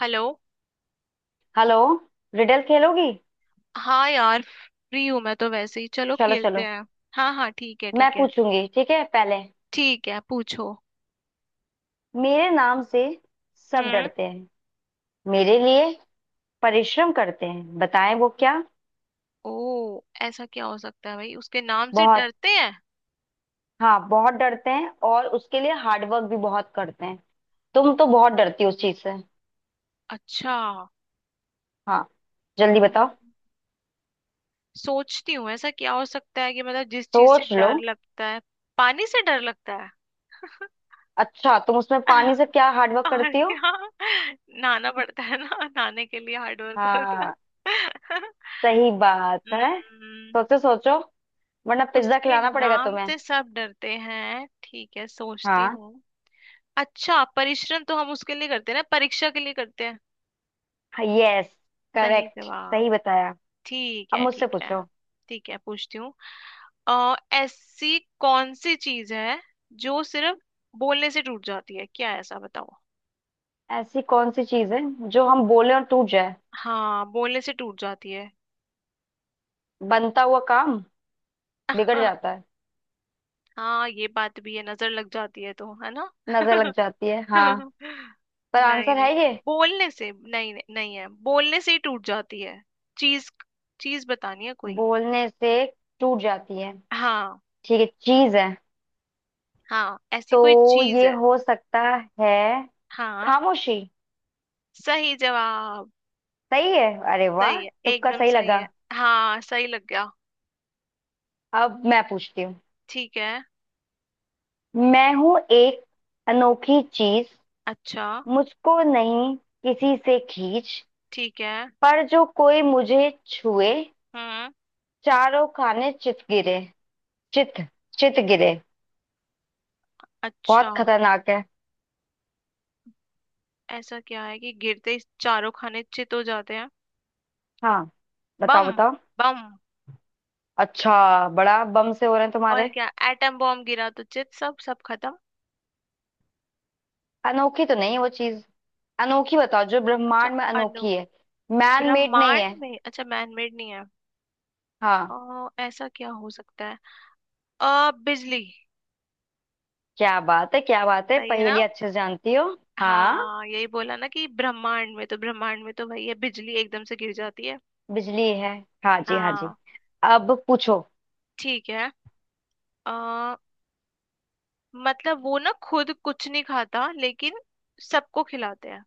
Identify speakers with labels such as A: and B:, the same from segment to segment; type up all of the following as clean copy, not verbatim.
A: Hello.
B: Hello. Riddle खेलोगी।
A: हाँ यार, फ्री हूँ मैं तो वैसे ही, चलो
B: चलो
A: खेलते
B: चलो।
A: हैं। हाँ हाँ, ठीक है
B: मैं
A: ठीक है।
B: पूछूंगी, ठीक है? पहले
A: ठीक है, पूछो।
B: मेरे नाम से सब
A: हम्म।
B: डरते हैं, मेरे लिए परिश्रम करते हैं, बताएं वो क्या।
A: ओ ऐसा क्या हो सकता है भाई, उसके नाम से
B: बहुत।
A: डरते हैं?
B: हाँ, बहुत डरते हैं, और उसके लिए हार्डवर्क भी बहुत करते हैं। तुम तो बहुत डरती हो उस चीज से।
A: अच्छा।
B: हाँ। जल्दी बताओ।
A: हम्म, सोचती हूँ ऐसा क्या हो सकता है कि मतलब जिस चीज से
B: सोच लो।
A: डर लगता है। पानी से डर लगता है।
B: अच्छा, तुम उसमें पानी से क्या हार्डवर्क
A: और
B: करती हो?
A: क्या, नहाना पड़ता है ना, नहाने के लिए हार्ड वर्क होता
B: हाँ,
A: है।
B: सही बात है।
A: हम्म,
B: सोचो सोचो। वरना पिज्जा
A: उसके
B: खिलाना पड़ेगा
A: नाम
B: तुम्हें।
A: से सब डरते हैं, ठीक है सोचती
B: हाँ।
A: हूँ। अच्छा, परिश्रम तो हम उसके लिए करते हैं ना, परीक्षा के लिए करते हैं।
B: यस।
A: सही
B: करेक्ट।
A: जवाब।
B: सही बताया।
A: ठीक
B: अब
A: है
B: मुझसे
A: ठीक है।
B: पूछो।
A: ठीक है, पूछती हूँ। ऐसी कौन सी चीज है जो सिर्फ बोलने से टूट जाती है, क्या है ऐसा बताओ।
B: ऐसी कौन सी चीज है जो हम बोले और टूट जाए?
A: हाँ बोलने से टूट जाती है।
B: बनता हुआ काम बिगड़ जाता है।
A: हाँ ये बात भी है, नजर लग जाती है तो, है ना।
B: नजर लग जाती है हाँ। पर
A: नहीं
B: आंसर है
A: नहीं,
B: ये
A: बोलने से नहीं, नहीं है, बोलने से ही टूट जाती है चीज। चीज बतानी है कोई।
B: बोलने से टूट जाती है?
A: हाँ।
B: ठीक है, चीज है,
A: हाँ ऐसी कोई
B: तो
A: चीज
B: ये
A: है।
B: हो सकता है
A: हाँ,
B: खामोशी।
A: सही जवाब।
B: सही है। अरे वाह,
A: सही है,
B: तुक्का
A: एकदम
B: सही
A: सही
B: लगा।
A: है। हाँ सही लग गया।
B: अब मैं पूछती हूँ।
A: ठीक है।
B: मैं हूं एक अनोखी चीज,
A: अच्छा।
B: मुझको नहीं किसी से खींच,
A: ठीक है।
B: पर जो कोई मुझे छुए
A: हम्म।
B: चारों खाने चित गिरे। चित चित गिरे।
A: अच्छा,
B: बहुत खतरनाक है।
A: ऐसा क्या है कि गिरते ही चारों खाने चित हो जाते हैं?
B: हाँ,
A: बम।
B: बताओ बताओ।
A: बम।
B: अच्छा, बड़ा बम से हो रहे हैं
A: और
B: तुम्हारे।
A: क्या, एटम बॉम्ब गिरा तो चित, सब सब खत्म।
B: अनोखी तो नहीं है वो चीज। अनोखी बताओ जो
A: अच्छा।
B: ब्रह्मांड में
A: अनु,
B: अनोखी है। मैन मेड नहीं
A: ब्रह्मांड
B: है।
A: में। अच्छा, मैन मेड नहीं है।
B: हाँ।
A: ऐसा क्या हो सकता है? बिजली।
B: क्या बात है क्या बात है,
A: सही है ना।
B: पहेली अच्छे से जानती हो। हाँ।
A: हाँ यही बोला ना कि ब्रह्मांड में, तो ब्रह्मांड में तो वही है, बिजली एकदम से गिर जाती है।
B: बिजली है। हाँ जी हाँ जी।
A: हाँ।
B: अब पूछो।
A: ठीक है। आ, मतलब वो ना खुद कुछ नहीं खाता लेकिन सबको खिलाते हैं।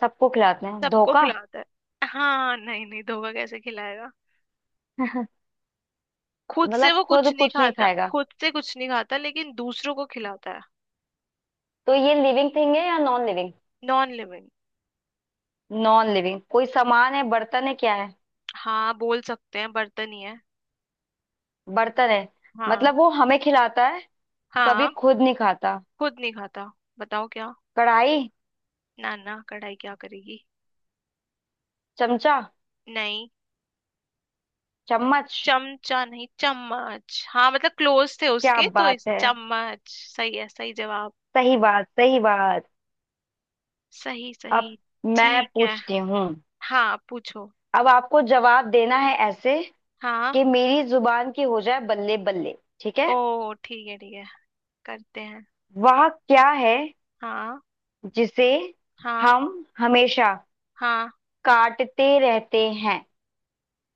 B: सबको खिलाते हैं
A: सबको
B: धोखा।
A: खिलाता है। हाँ नहीं नहीं, धोखा कैसे खिलाएगा। खुद से
B: मतलब
A: वो कुछ
B: खुद
A: नहीं
B: कुछ नहीं
A: खाता,
B: खाएगा,
A: खुद से कुछ नहीं खाता लेकिन दूसरों को खिलाता है।
B: तो ये लिविंग थिंग है या non living?
A: Non living.
B: Non living कोई सामान है, बर्तन है, क्या है?
A: हाँ, बोल सकते हैं बर्तन ही है।
B: बर्तन है।
A: हाँ।
B: मतलब वो हमें खिलाता है, कभी
A: हाँ।
B: खुद नहीं खाता।
A: खुद नहीं खाता। बताओ क्या।
B: कढ़ाई।
A: ना ना, कढ़ाई क्या करेगी।
B: चमचा।
A: नहीं।
B: चम्मच।
A: चमचा नहीं, चम्मच हाँ, मतलब क्लोज थे
B: क्या
A: उसके तो,
B: बात
A: इस
B: है।
A: चम्मच। सही है, सही जवाब।
B: सही बात सही बात।
A: सही सही।
B: अब मैं
A: ठीक है।
B: पूछती हूँ।
A: हाँ पूछो।
B: अब आपको जवाब देना है ऐसे कि
A: हाँ।
B: मेरी जुबान की हो जाए बल्ले बल्ले। ठीक है।
A: ओ ठीक है ठीक है, करते हैं।
B: वह क्या है
A: हाँ।
B: जिसे
A: हाँ।
B: हम हमेशा
A: हाँ।
B: काटते रहते हैं,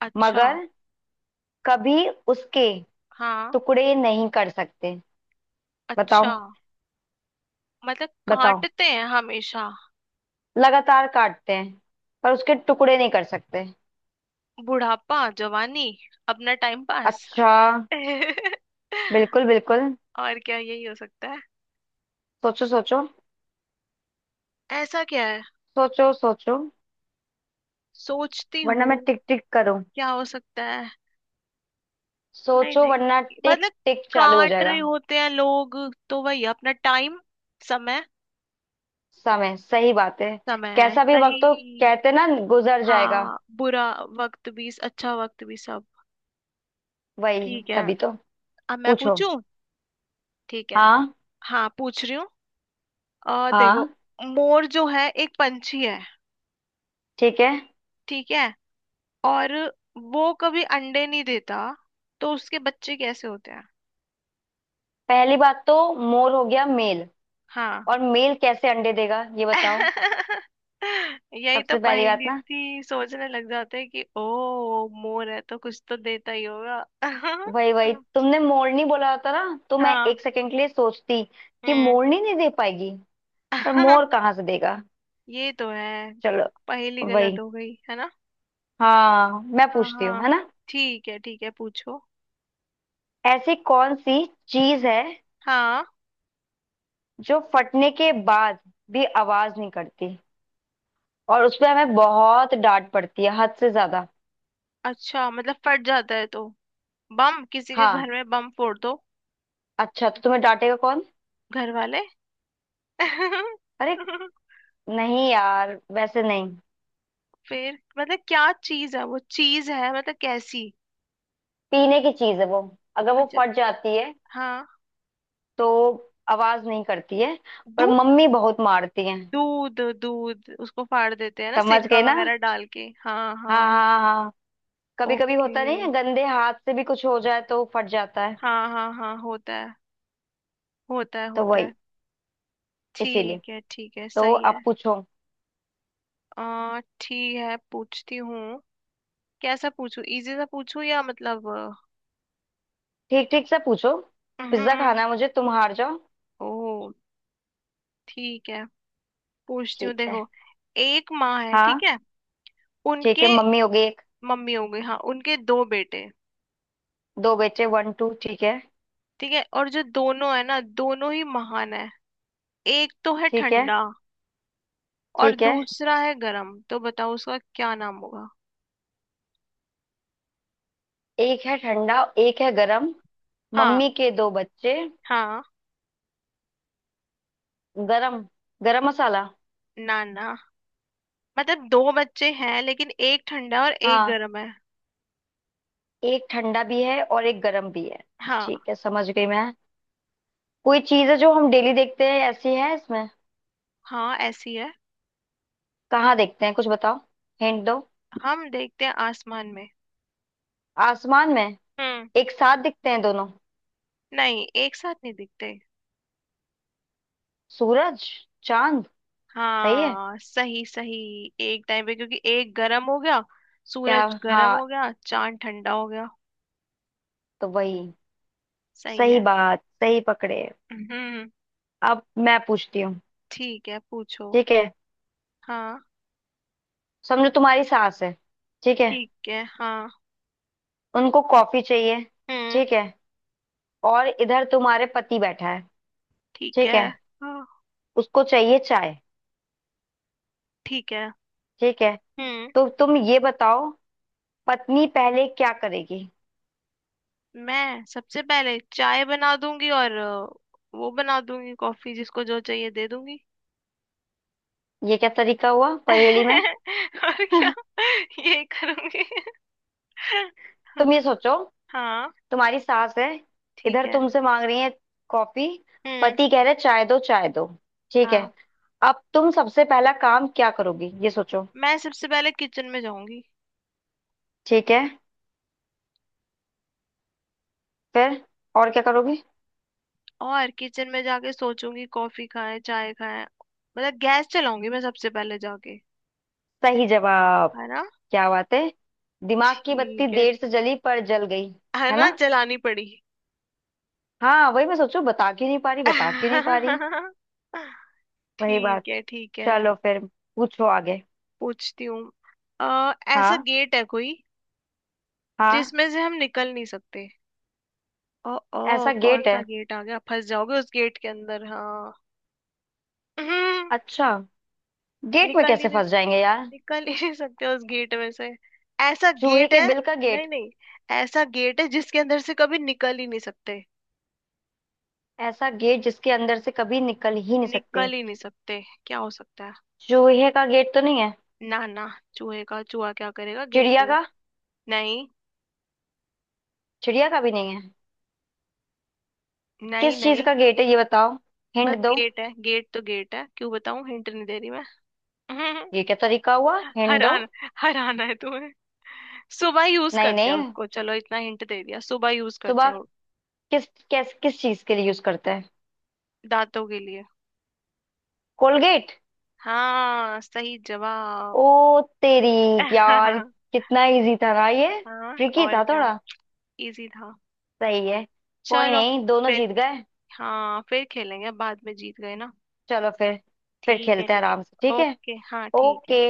A: अच्छा।
B: मगर कभी उसके
A: हाँ।
B: टुकड़े नहीं कर सकते?
A: अच्छा,
B: बताओ
A: मतलब
B: बताओ।
A: काटते हैं हमेशा।
B: लगातार काटते हैं, पर उसके टुकड़े नहीं कर सकते।
A: बुढ़ापा, जवानी, अपना टाइम पास।
B: अच्छा। बिल्कुल बिल्कुल।
A: और क्या, यही हो सकता है।
B: सोचो सोचो।
A: ऐसा क्या है।
B: सोचो सोचो,
A: सोचती
B: वरना मैं
A: हूँ
B: टिक टिक करूं।
A: क्या हो सकता है। नहीं
B: सोचो, वरना
A: नहीं,
B: टिक
A: मतलब
B: टिक चालू हो
A: काट रहे
B: जाएगा।
A: होते हैं लोग तो वही, अपना टाइम, समय।
B: समय। सही बात है।
A: समय
B: कैसा भी वक्त हो,
A: सही।
B: कहते ना, गुजर जाएगा।
A: हाँ, बुरा वक्त भी अच्छा वक्त भी, सब।
B: वही,
A: ठीक है।
B: तभी तो।
A: अब मैं
B: पूछो।
A: पूछूं। ठीक है।
B: हाँ
A: हाँ पूछ रही हूँ और देखो,
B: हाँ
A: मोर जो है एक पंछी है,
B: ठीक है।
A: ठीक है, और वो कभी अंडे नहीं देता, तो उसके बच्चे कैसे होते हैं।
B: पहली बात तो मोर हो गया मेल,
A: हाँ।
B: और मेल कैसे अंडे देगा ये बताओ।
A: यही तो
B: सबसे पहली बात
A: पहेली
B: ना,
A: थी, सोचने लग जाते हैं कि ओ मोर है तो कुछ तो देता ही होगा।
B: वही वही तुमने मोरनी बोला होता ना, तो मैं
A: हाँ।
B: एक सेकंड के लिए सोचती कि
A: हम्म।
B: मोरनी नहीं दे पाएगी, पर मोर कहाँ से देगा।
A: ये तो है।
B: चलो।
A: पहेली गलत
B: वही।
A: हो गई है ना।
B: हाँ, मैं
A: हाँ
B: पूछती हूँ, है
A: हाँ,
B: ना?
A: ठीक है पूछो।
B: ऐसी कौन सी चीज है
A: हाँ।
B: जो फटने के बाद भी आवाज नहीं करती, और उसपे हमें बहुत डांट पड़ती है हद से ज्यादा?
A: अच्छा, मतलब फट जाता है तो, बम, किसी के
B: हाँ।
A: घर में बम फोड़ दो।
B: अच्छा, तो तुम्हें डांटेगा कौन?
A: घर वाले।
B: अरे नहीं यार, वैसे नहीं।
A: फिर मतलब क्या चीज है, वो चीज है, मतलब कैसी।
B: पीने की चीज है वो, अगर वो
A: अच्छा।
B: फट जाती है
A: हाँ।
B: तो आवाज नहीं करती है, पर
A: दूध
B: मम्मी बहुत मारती है।
A: दूध दूध, उसको फाड़ देते हैं ना
B: समझ
A: सिरका
B: गए ना?
A: वगैरह डाल के, हाँ
B: हाँ
A: हाँ।
B: हाँ हाँ। कभी कभी
A: ओके,
B: होता नहीं है, गंदे हाथ से भी कुछ हो जाए तो फट जाता है।
A: हाँ हाँ हाँ होता है, होता है
B: तो
A: होता
B: वही,
A: है।
B: इसीलिए।
A: ठीक है ठीक है,
B: तो
A: सही है।
B: अब पूछो।
A: आ ठीक है, पूछती हूँ। कैसा पूछूं, इजी सा पूछूं या मतलब।
B: ठीक ठीक से पूछो।
A: अ, हम्म
B: पिज्जा खाना है मुझे, तुम हार जाओ।
A: ओ ठीक है, पूछती हूँ
B: ठीक है।
A: देखो, एक माँ है, ठीक
B: हाँ
A: है,
B: ठीक है।
A: उनके।
B: मम्मी हो गई एक।
A: मम्मी हो गई हाँ, उनके दो बेटे,
B: दो बेटे, वन टू, ठीक है।
A: ठीक है, और जो दोनों है ना दोनों ही महान है, एक तो है
B: ठीक है।
A: ठंडा और
B: ठीक है।
A: दूसरा है गरम, तो बताओ उसका क्या नाम होगा।
B: एक है ठंडा, एक है गरम।
A: हाँ।
B: मम्मी के दो बच्चे।
A: हाँ।
B: गरम, गरम मसाला।
A: नाना। मतलब दो बच्चे हैं लेकिन एक ठंडा और एक
B: हाँ,
A: गर्म है।
B: एक ठंडा भी है और एक गरम भी है।
A: हाँ।
B: ठीक है, समझ गई मैं। कोई चीज है जो हम डेली देखते हैं, ऐसी है इसमें?
A: हाँ ऐसी है।
B: कहाँ देखते हैं, कुछ बताओ, हिंट दो।
A: हम देखते हैं आसमान में।
B: आसमान में
A: हम्म।
B: एक साथ दिखते हैं दोनों?
A: नहीं एक साथ नहीं दिखते।
B: सूरज, चांद। सही है।
A: हाँ सही सही। एक टाइम पे, क्योंकि एक गर्म हो गया,
B: क्या।
A: सूरज गर्म हो
B: हाँ।
A: गया, चांद ठंडा हो गया।
B: तो वही।
A: सही
B: सही
A: है।
B: बात, सही पकड़े।
A: हम्म।
B: अब मैं पूछती हूँ।
A: ठीक है पूछो।
B: ठीक है।
A: हाँ।
B: समझो, तुम्हारी सास है, ठीक है?
A: ठीक है हाँ।
B: उनको कॉफी चाहिए,
A: हम्म।
B: ठीक है? और इधर तुम्हारे पति बैठा है,
A: ठीक है।
B: ठीक है?
A: हाँ।
B: उसको चाहिए चाय,
A: ठीक है।
B: ठीक है?
A: हम्म।
B: तो तुम ये बताओ, पत्नी पहले क्या करेगी?
A: मैं सबसे पहले चाय बना दूंगी और वो बना दूंगी कॉफी, जिसको जो चाहिए दे दूंगी।
B: ये क्या तरीका हुआ पहेली में।
A: और क्या, यही करूंगी।
B: तुम ये सोचो,
A: हाँ।
B: तुम्हारी सास है,
A: ठीक
B: इधर
A: है।
B: तुमसे मांग रही है कॉफी,
A: हम्म।
B: पति कह रहे चाय दो चाय दो, ठीक है?
A: हाँ,
B: अब तुम सबसे पहला काम क्या करोगी, ये सोचो।
A: मैं सबसे पहले किचन में जाऊंगी
B: ठीक है, फिर और क्या करोगी?
A: और किचन में जाके सोचूंगी कॉफी खाएं चाय खाएं, मतलब गैस चलाऊंगी मैं सबसे पहले जाके।
B: सही जवाब।
A: है ना।
B: क्या बात है। दिमाग की बत्ती
A: ठीक है
B: देर से जली, पर जल गई।
A: है
B: है
A: ना,
B: ना?
A: जलानी पड़ी।
B: हाँ, वही मैं सोचू बता क्यों नहीं पा रही, बता क्यों नहीं पा रही। वही बात।
A: ठीक है ठीक है,
B: चलो फिर, पूछो आगे।
A: पूछती हूँ। ऐसा
B: हाँ
A: गेट है कोई
B: हाँ।
A: जिसमें से हम निकल नहीं सकते। ओ, ओ
B: ऐसा
A: कौन
B: गेट
A: सा
B: है?
A: गेट आ गया, फंस जाओगे उस गेट के अंदर, हाँ। हम्म,
B: अच्छा, गेट में
A: निकल ही
B: कैसे
A: नहीं,
B: फंस जाएंगे यार।
A: निकल ही नहीं सकते उस गेट में से, ऐसा
B: चूहे
A: गेट
B: के
A: है।
B: बिल का गेट?
A: नहीं नहीं, ऐसा गेट है जिसके अंदर से कभी निकल ही नहीं सकते।
B: ऐसा गेट जिसके अंदर से कभी निकल ही नहीं सकते?
A: निकल ही नहीं सकते। क्या हो सकता है।
B: चूहे का गेट तो नहीं है।
A: ना ना, चूहे का, चूहा क्या करेगा गेट
B: चिड़िया
A: में।
B: का?
A: नहीं
B: चिड़िया का भी नहीं है।
A: नहीं
B: किस चीज
A: नहीं।
B: का गेट है, ये बताओ,
A: बस
B: हिंट दो।
A: गेट है, गेट तो गेट है, क्यों बताऊं हिंट नहीं दे रही मैं।
B: ये क्या तरीका हुआ, हिंट दो।
A: हराना, हराना है तुम्हें। सुबह यूज
B: नहीं
A: करते हैं
B: नहीं।
A: उसको, चलो इतना हिंट दे दिया, सुबह यूज करते
B: सुबह
A: हैं।
B: किस किस किस चीज के लिए यूज करते हैं?
A: दांतों के लिए।
B: कोलगेट।
A: हाँ सही जवाब।
B: ओ तेरी। यार, कितना इजी था ना ये।
A: हाँ
B: ट्रिकी
A: और
B: था
A: क्या,
B: थोड़ा।
A: इजी था।
B: सही है। कोई
A: चलो
B: नहीं, दोनों
A: फिर।
B: जीत गए।
A: हाँ फिर खेलेंगे बाद में, जीत गए ना।
B: चलो फिर। फिर
A: ठीक है
B: खेलते हैं
A: ठीक है।
B: आराम से, ठीक है?
A: ओके हाँ, ठीक है।
B: ओके।